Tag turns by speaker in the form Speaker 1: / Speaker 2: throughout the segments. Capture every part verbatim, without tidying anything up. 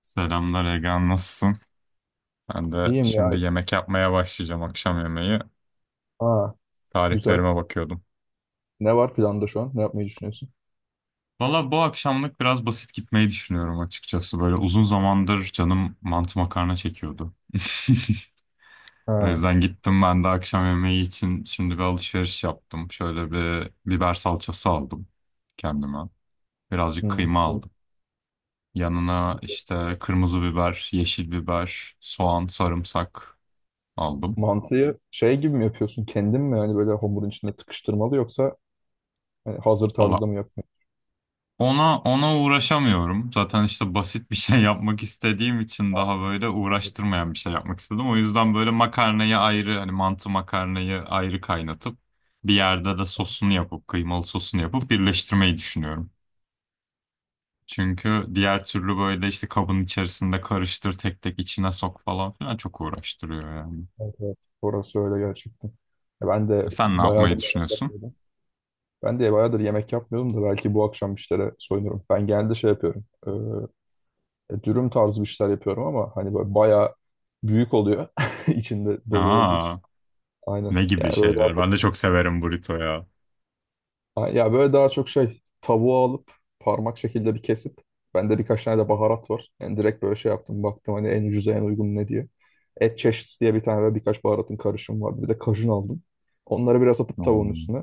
Speaker 1: Selamlar Ege, nasılsın? Ben de
Speaker 2: İyiyim ya.
Speaker 1: şimdi yemek yapmaya başlayacağım akşam yemeği.
Speaker 2: Aa, güzel.
Speaker 1: Tariflerime bakıyordum.
Speaker 2: Ne var planda şu an? Ne yapmayı düşünüyorsun?
Speaker 1: Valla bu akşamlık biraz basit gitmeyi düşünüyorum açıkçası. Böyle uzun zamandır canım mantı makarna çekiyordu. O
Speaker 2: Ha.
Speaker 1: yüzden gittim ben de akşam yemeği için şimdi bir alışveriş yaptım. Şöyle bir biber salçası aldım kendime. Birazcık
Speaker 2: Hmm,
Speaker 1: kıyma
Speaker 2: güzel.
Speaker 1: aldım. Yanına işte kırmızı biber, yeşil biber, soğan, sarımsak aldım.
Speaker 2: Mantıyı şey gibi mi yapıyorsun? Kendin mi yani böyle hamurun içinde tıkıştırmalı yoksa hani hazır
Speaker 1: Valla
Speaker 2: tarzda mı yapmayı?
Speaker 1: Ona ona uğraşamıyorum. Zaten işte basit bir şey yapmak istediğim için
Speaker 2: Ha,
Speaker 1: daha böyle
Speaker 2: anladım.
Speaker 1: uğraştırmayan bir şey yapmak istedim. O yüzden böyle makarnayı ayrı hani mantı makarnayı ayrı kaynatıp bir yerde de sosunu yapıp kıymalı sosunu yapıp birleştirmeyi düşünüyorum. Çünkü diğer türlü böyle işte kabın içerisinde karıştır tek tek içine sok falan filan çok uğraştırıyor yani.
Speaker 2: Evet, evet. Orası öyle gerçekten. Ya ben de
Speaker 1: Sen ne yapmayı
Speaker 2: bayağıdır yemek
Speaker 1: düşünüyorsun?
Speaker 2: yapmıyordum. Ben de bayağıdır yemek yapmıyordum da belki bu akşam bir şeylere soyunurum. Ben genelde şey yapıyorum. Ee, e, dürüm tarzı bir şeyler yapıyorum ama hani böyle bayağı büyük oluyor. içinde dolu olduğu
Speaker 1: Aa,
Speaker 2: için. Aynen.
Speaker 1: ne gibi
Speaker 2: Yani böyle daha.
Speaker 1: şeyler? Ben de çok severim burrito ya.
Speaker 2: Ha, ya böyle daha çok şey tavuğu alıp parmak şekilde bir kesip bende birkaç tane de baharat var. Yani direkt böyle şey yaptım baktım hani en ucuza en uygun ne diye. Et çeşnisi diye bir tane ve birkaç baharatın karışımı vardı. Bir de kajun aldım. Onları biraz atıp tavuğun
Speaker 1: Oo,
Speaker 2: üstüne.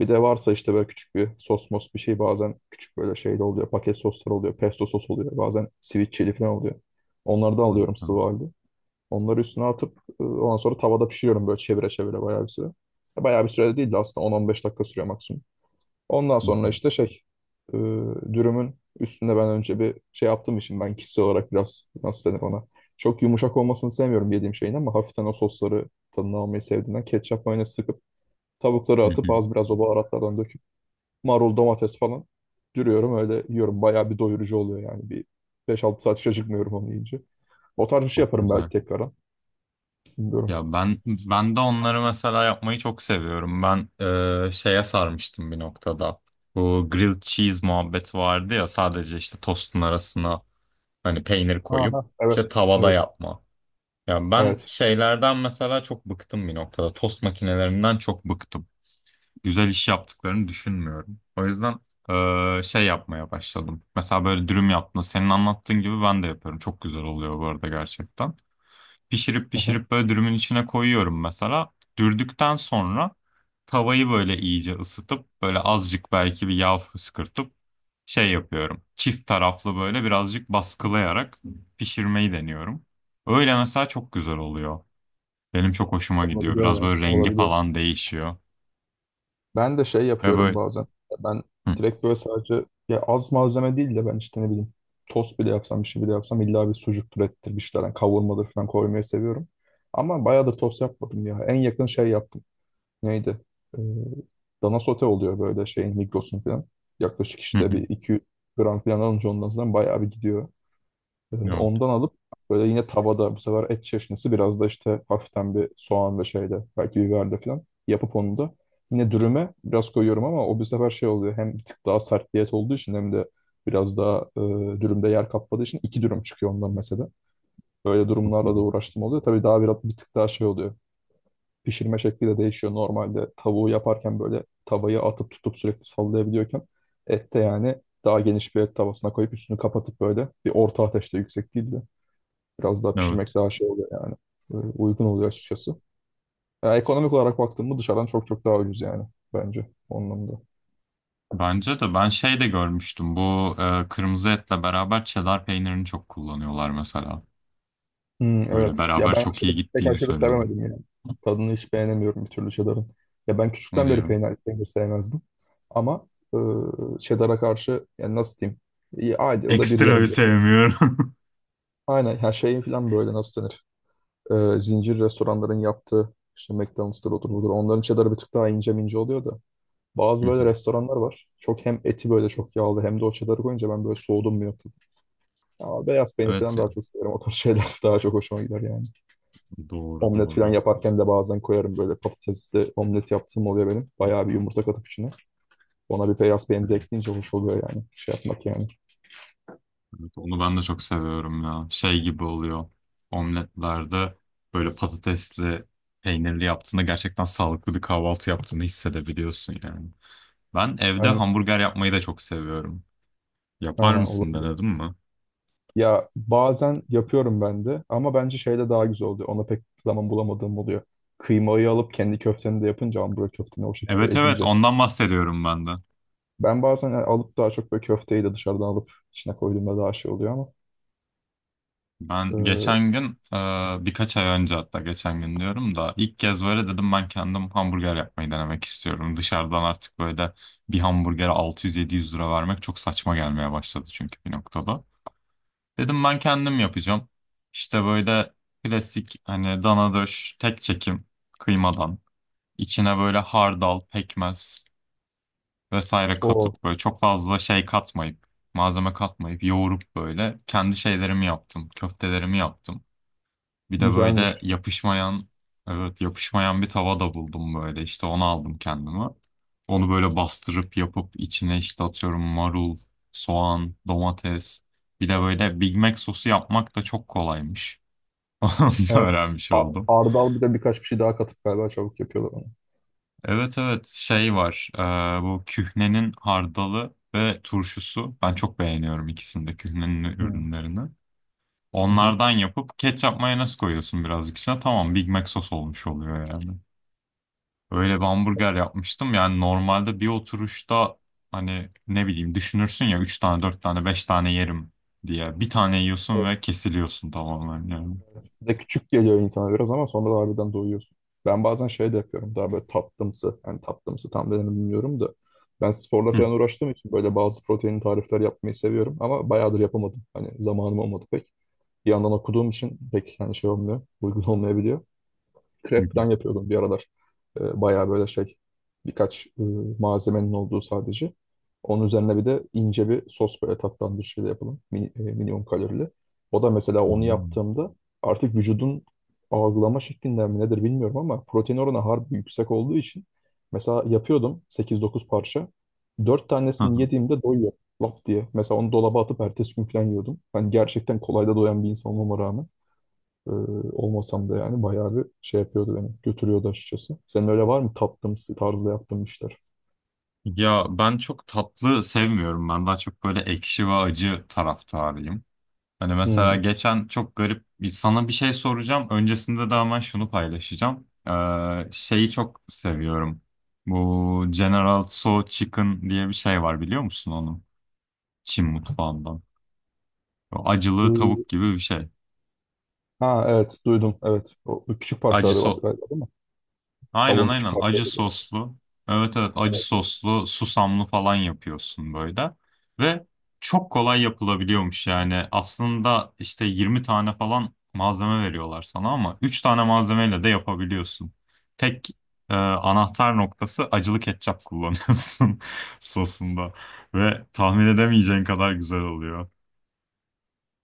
Speaker 2: Bir de varsa işte böyle küçük bir sos mos bir şey bazen küçük böyle şey de oluyor. Paket soslar oluyor. Pesto sos oluyor. Bazen sweet chili falan oluyor. Onlardan
Speaker 1: evet,
Speaker 2: alıyorum
Speaker 1: evet.
Speaker 2: sıvı halde. Onları üstüne atıp e, ondan sonra tavada pişiriyorum böyle çevire çevire bayağı bir süre. Bayağı bir süre de değil de aslında on on beş dakika sürüyor maksimum. Ondan
Speaker 1: Hı hı,
Speaker 2: sonra işte şey e, dürümün üstünde ben önce bir şey yaptığım için ben kişisel olarak biraz nasıl denir ona. Çok yumuşak olmasını sevmiyorum yediğim şeyin ama hafiften o sosları tadını almayı sevdiğinden ketçap mayonez sıkıp tavukları
Speaker 1: hı
Speaker 2: atıp
Speaker 1: hı.
Speaker 2: az biraz o baharatlardan döküp marul domates falan dürüyorum öyle yiyorum. Bayağı bir doyurucu oluyor yani bir beş altı saat hiç acıkmıyorum onu yiyince. O tarz bir şey
Speaker 1: Çok
Speaker 2: yaparım belki
Speaker 1: güzel.
Speaker 2: tekrardan. Bilmiyorum.
Speaker 1: Ya ben ben de onları mesela yapmayı çok seviyorum. Ben e, şeye sarmıştım bir noktada. Bu grilled cheese muhabbeti vardı ya, sadece işte tostun arasına hani peynir koyup
Speaker 2: Aha, evet.
Speaker 1: işte tavada
Speaker 2: Evet.
Speaker 1: yapma. Ya ben
Speaker 2: Evet.
Speaker 1: şeylerden mesela çok bıktım bir noktada. Tost makinelerinden çok bıktım. Güzel iş yaptıklarını düşünmüyorum. O yüzden e, şey yapmaya başladım. Mesela böyle dürüm yaptığında senin anlattığın gibi ben de yapıyorum. Çok güzel oluyor bu arada gerçekten, pişirip
Speaker 2: Hı hı.
Speaker 1: pişirip böyle dürümün içine koyuyorum mesela. Dürdükten sonra tavayı böyle iyice ısıtıp böyle azıcık belki bir yağ fışkırtıp şey yapıyorum. Çift taraflı böyle birazcık baskılayarak pişirmeyi deniyorum. Öyle mesela çok güzel oluyor. Benim çok hoşuma gidiyor.
Speaker 2: Olabiliyor
Speaker 1: Biraz
Speaker 2: yani.
Speaker 1: böyle rengi
Speaker 2: Olabiliyor.
Speaker 1: falan değişiyor.
Speaker 2: Ben de şey
Speaker 1: Ve
Speaker 2: yapıyorum
Speaker 1: böyle
Speaker 2: bazen. Ben
Speaker 1: Hı,
Speaker 2: direkt böyle sadece ya az malzeme değil de ben işte ne bileyim tost bile yapsam bir şey bile yapsam illa bir sucuktur ettir bir şeyler. Yani kavurmadır falan koymayı seviyorum. Ama bayağıdır tost yapmadım ya. En yakın şey yaptım. Neydi? Ee, dana sote oluyor böyle şeyin Migros'un falan. Yaklaşık
Speaker 1: hı,
Speaker 2: işte
Speaker 1: hı.
Speaker 2: bir iki yüz gram falan alınca ondan sonra bayağı bir gidiyor. Ee,
Speaker 1: Evet,
Speaker 2: Ondan alıp böyle yine tavada bu sefer et çeşnisi biraz da işte hafiften bir soğan ve şeyle belki biberle falan yapıp onu da yine dürüme biraz koyuyorum ama o bu sefer şey oluyor hem bir tık daha sert diyet olduğu için hem de biraz daha e, dürümde yer kapladığı için iki dürüm çıkıyor ondan mesela. Böyle
Speaker 1: çok
Speaker 2: durumlarla da
Speaker 1: iyi.
Speaker 2: uğraştım oluyor. Tabii daha biraz bir tık daha şey oluyor. Pişirme şekli de değişiyor. Normalde tavuğu yaparken böyle tavayı atıp tutup sürekli sallayabiliyorken ette yani daha geniş bir et tavasına koyup üstünü kapatıp böyle bir orta ateşte yüksek değil de biraz daha pişirmek
Speaker 1: Evet.
Speaker 2: daha şey oluyor yani. Böyle uygun oluyor açıkçası. Ya ekonomik olarak baktığımda dışarıdan çok çok daha ucuz yani bence onun anlamda.
Speaker 1: Bence de ben şey de görmüştüm. Bu e, kırmızı etle beraber çedar peynirini çok kullanıyorlar mesela.
Speaker 2: Hmm,
Speaker 1: Böyle
Speaker 2: evet. Ya
Speaker 1: beraber
Speaker 2: ben
Speaker 1: çok
Speaker 2: aşırı,
Speaker 1: iyi
Speaker 2: pek
Speaker 1: gittiğini
Speaker 2: aşırı
Speaker 1: söylüyorlar.
Speaker 2: sevemedim yani. Tadını hiç beğenemiyorum bir türlü cheddar'ın. Ya ben küçükten
Speaker 1: Hadi
Speaker 2: beri
Speaker 1: ya.
Speaker 2: peynir, peynir sevmezdim. Ama e, cheddar'a karşı yani nasıl diyeyim? İyi, ayda yılda bir
Speaker 1: Ekstra bir
Speaker 2: yerim böyle.
Speaker 1: sevmiyorum.
Speaker 2: Aynen her şeyin falan böyle nasıl denir? E, zincir restoranların yaptığı işte McDonald's'tır odur budur. Onların cheddar'ı bir tık daha ince mince oluyor da. Bazı
Speaker 1: Hı hı.
Speaker 2: böyle restoranlar var. Çok hem eti böyle çok yağlı hem de o çedarı koyunca ben böyle soğudum bir noktada. Ama beyaz peynir
Speaker 1: Evet
Speaker 2: falan daha
Speaker 1: ya.
Speaker 2: çok severim. O tarz şeyler daha çok hoşuma gider yani.
Speaker 1: Doğru
Speaker 2: Omlet falan
Speaker 1: doğru.
Speaker 2: yaparken de bazen koyarım böyle patatesli omlet yaptığım oluyor benim. Bayağı bir yumurta katıp içine. Ona bir beyaz peynir de ekleyince hoş oluyor yani. Şey yapmak yani.
Speaker 1: Evet, onu ben de çok seviyorum ya. Şey gibi oluyor. Omletlerde böyle patatesli, peynirli yaptığında gerçekten sağlıklı bir kahvaltı yaptığını hissedebiliyorsun yani. Ben evde
Speaker 2: Aynen.
Speaker 1: hamburger yapmayı da çok seviyorum. Yapar
Speaker 2: Ha,
Speaker 1: mısın,
Speaker 2: olabilir.
Speaker 1: denedin mi?
Speaker 2: Ya bazen yapıyorum ben de ama bence şeyle daha güzel oluyor. Ona pek zaman bulamadığım oluyor. Kıymayı alıp kendi köfteni de yapınca ambura köfteni o şekilde
Speaker 1: Evet evet,
Speaker 2: ezince.
Speaker 1: ondan bahsediyorum ben de.
Speaker 2: Ben bazen yani alıp daha çok böyle köfteyi de dışarıdan alıp içine koyduğumda daha şey oluyor ama
Speaker 1: Ben
Speaker 2: e,
Speaker 1: geçen gün, e, birkaç ay önce, hatta geçen gün diyorum da ilk kez böyle dedim ben kendim hamburger yapmayı denemek istiyorum. Dışarıdan artık böyle bir hamburgere altı yüz yedi yüz lira vermek çok saçma gelmeye başladı çünkü bir noktada. Dedim ben kendim yapacağım. İşte böyle klasik hani dana döş tek çekim kıymadan içine böyle hardal, pekmez vesaire
Speaker 2: o
Speaker 1: katıp böyle çok fazla şey katmayıp malzeme katmayıp yoğurup böyle kendi şeylerimi yaptım, köftelerimi yaptım. Bir de böyle
Speaker 2: güzelmiş.
Speaker 1: yapışmayan, evet yapışmayan bir tava da buldum böyle. İşte onu aldım kendime. Onu böyle bastırıp yapıp içine işte atıyorum marul, soğan, domates. Bir de böyle Big Mac sosu yapmak da çok kolaymış. Onu da
Speaker 2: Evet.
Speaker 1: öğrenmiş
Speaker 2: A-
Speaker 1: oldum.
Speaker 2: Ardal bir de birkaç bir şey daha katıp galiba çabuk yapıyorlar onu.
Speaker 1: Evet evet, şey var. E, bu kühnenin hardalı ve turşusu. Ben çok beğeniyorum ikisini de, kühnenin
Speaker 2: Hı.
Speaker 1: ürünlerini.
Speaker 2: Hı hı.
Speaker 1: Onlardan yapıp ketçap mayonez koyuyorsun birazcık içine. Tamam, Big Mac sos olmuş oluyor yani. Öyle bir hamburger
Speaker 2: Evet.
Speaker 1: yapmıştım. Yani normalde bir oturuşta hani ne bileyim düşünürsün ya, üç tane dört tane beş tane yerim diye. Bir tane yiyorsun
Speaker 2: Evet.
Speaker 1: ve kesiliyorsun tamamen yani.
Speaker 2: De küçük geliyor insana biraz ama sonra da harbiden doyuyorsun. Ben bazen şey de yapıyorum daha böyle tatlımsı. Yani tatlımsı tam denir mi bilmiyorum da. Ben sporla
Speaker 1: Hı,
Speaker 2: falan uğraştığım için böyle bazı protein tarifler yapmayı seviyorum ama bayağıdır yapamadım. Hani zamanım olmadı pek. Bir yandan okuduğum için pek hani şey olmuyor, uygun olmayabiliyor.
Speaker 1: hı,
Speaker 2: Krep
Speaker 1: hı.
Speaker 2: falan yapıyordum bir aralar. E, bayağı böyle şey birkaç e, malzemenin olduğu sadece. Onun üzerine bir de ince bir sos böyle tatlandırıcıyla yapalım. Min, e, minimum kalorili. O da mesela onu
Speaker 1: Hmm.
Speaker 2: yaptığımda artık vücudun algılama şeklinden mi nedir bilmiyorum ama protein oranı harbi yüksek olduğu için mesela yapıyordum sekiz dokuz parça. Dört
Speaker 1: Hı
Speaker 2: tanesini
Speaker 1: hı.
Speaker 2: yediğimde doyuyor lap diye. Mesela onu dolaba atıp ertesi gün falan yiyordum. Ben gerçekten kolay da doyan bir insan olmama rağmen. Ee, olmasam da yani bayağı bir şey yapıyordu beni. Götürüyordu açıkçası. Senin öyle var mı? Taptığımız tarzda yaptığın işler.
Speaker 1: Ya ben çok tatlı sevmiyorum. Ben daha çok böyle ekşi ve acı taraftarıyım. Hani mesela
Speaker 2: Hmm.
Speaker 1: geçen çok garip bir- sana bir şey soracağım. Öncesinde de hemen şunu paylaşacağım. Ee, şeyi çok seviyorum. Bu General So Chicken diye bir şey var, biliyor musun onu? Çin mutfağından. O acılı
Speaker 2: Ee,
Speaker 1: tavuk gibi bir şey.
Speaker 2: Ha, evet duydum, evet. O küçük
Speaker 1: Acı
Speaker 2: parçaları var
Speaker 1: so
Speaker 2: galiba değil mi?
Speaker 1: aynen
Speaker 2: Tavuğun küçük
Speaker 1: aynen, acı
Speaker 2: parçaları.
Speaker 1: soslu. Evet evet, acı soslu susamlı falan yapıyorsun böyle. Ve çok kolay yapılabiliyormuş yani. Aslında işte yirmi tane falan malzeme veriyorlar sana ama üç tane malzemeyle de yapabiliyorsun. Tek e, anahtar noktası, acılı ketçap kullanıyorsun sosunda. Ve tahmin edemeyeceğin kadar güzel oluyor.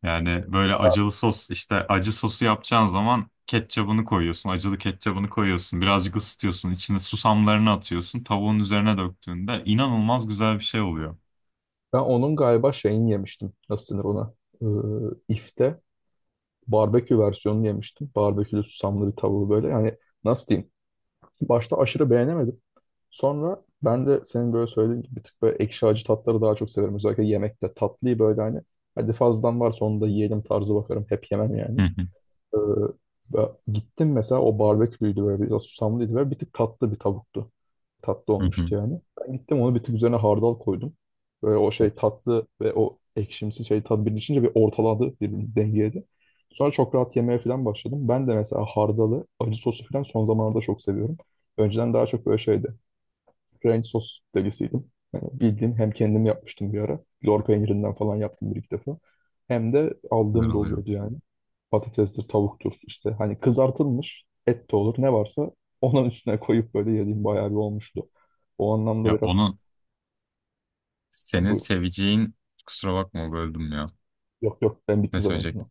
Speaker 1: Yani böyle acılı sos, işte acı sosu yapacağın zaman ketçabını koyuyorsun. Acılı ketçabını koyuyorsun. Birazcık ısıtıyorsun. İçine susamlarını atıyorsun. Tavuğun üzerine döktüğünde inanılmaz güzel bir şey oluyor.
Speaker 2: Ben onun galiba şeyini yemiştim. Nasıl denir ona? Ee, ifte barbekü versiyonunu yemiştim. Barbekülü susamlı bir tavuğu böyle. Yani nasıl diyeyim? Başta aşırı beğenemedim. Sonra ben de senin böyle söylediğin gibi bir tık böyle ekşi acı tatları daha çok severim. Özellikle yemekte tatlıyı böyle hani hadi fazladan varsa onu da yiyelim tarzı bakarım. Hep yemem
Speaker 1: Hı
Speaker 2: yani.
Speaker 1: hı,
Speaker 2: Ee, ve gittim mesela o barbeküydü böyle biraz susamlıydı ve bir tık tatlı bir tavuktu. Tatlı
Speaker 1: hı hı.
Speaker 2: olmuştu yani. Ben gittim onu bir tık üzerine hardal koydum. Böyle o
Speaker 1: Çok
Speaker 2: şey tatlı ve o ekşimsi şey tadı birleşince bir ortaladı birbirini dengeledi. Sonra çok rahat yemeye falan başladım. Ben de mesela hardalı, acı sosu falan son zamanlarda çok seviyorum. Önceden daha çok böyle şeydi. Ranch sos delisiydim. Yani bildiğin hem kendim yapmıştım bir ara. Lor peynirinden falan yaptım bir iki defa. Hem de
Speaker 1: güzel
Speaker 2: aldığım da
Speaker 1: oluyor.
Speaker 2: oluyordu yani. Patatestir, tavuktur işte. Hani kızartılmış et de olur ne varsa onun üstüne koyup böyle yediğim bayağı bir olmuştu. O anlamda
Speaker 1: Ya
Speaker 2: biraz
Speaker 1: onu
Speaker 2: yani
Speaker 1: senin
Speaker 2: buyur.
Speaker 1: seveceğin kusura bakma, böldüm ya.
Speaker 2: Yok yok ben
Speaker 1: Ne
Speaker 2: bitti zaten şimdi.
Speaker 1: söyleyecektim?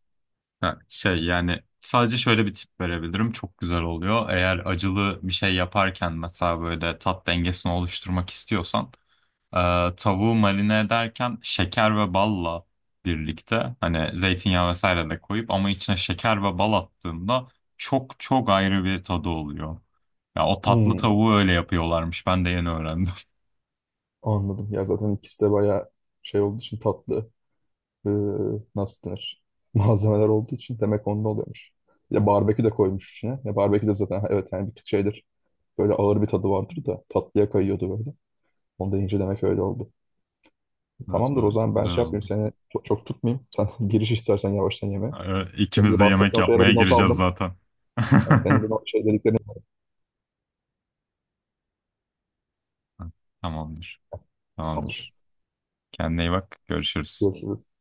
Speaker 1: Ha, şey, yani sadece şöyle bir tip verebilirim. Çok güzel oluyor. Eğer acılı bir şey yaparken mesela böyle tat dengesini oluşturmak istiyorsan Ee, tavuğu marine ederken şeker ve balla birlikte hani zeytinyağı vesaire de koyup, ama içine şeker ve bal attığında çok çok ayrı bir tadı oluyor. Ya o tatlı
Speaker 2: Hmm,
Speaker 1: tavuğu öyle yapıyorlarmış. Ben de yeni öğrendim.
Speaker 2: anladım. Ya zaten ikisi de bayağı şey olduğu için tatlı. Ee, nasıl denir? Malzemeler olduğu için demek onda oluyormuş. Ya barbekü de koymuş içine. Ya barbekü de zaten ha, evet yani bir tık şeydir. Böyle ağır bir tadı vardır da tatlıya kayıyordu böyle. Onu da demek öyle oldu.
Speaker 1: Evet
Speaker 2: Tamamdır o
Speaker 1: evet,
Speaker 2: zaman ben
Speaker 1: güzel
Speaker 2: şey yapmayayım
Speaker 1: oldu.
Speaker 2: seni çok, çok tutmayayım. Sen giriş istersen yavaştan yeme.
Speaker 1: Ee,
Speaker 2: Senin
Speaker 1: İkimiz
Speaker 2: de
Speaker 1: de yemek
Speaker 2: bahsettiğin o şeylere
Speaker 1: yapmaya
Speaker 2: bir not
Speaker 1: gireceğiz
Speaker 2: aldım.
Speaker 1: zaten.
Speaker 2: Yani senin de no- şey dediklerini
Speaker 1: Tamamdır.
Speaker 2: tamamdır.
Speaker 1: Tamamdır. Kendine iyi bak. Görüşürüz.
Speaker 2: Görüşürüz.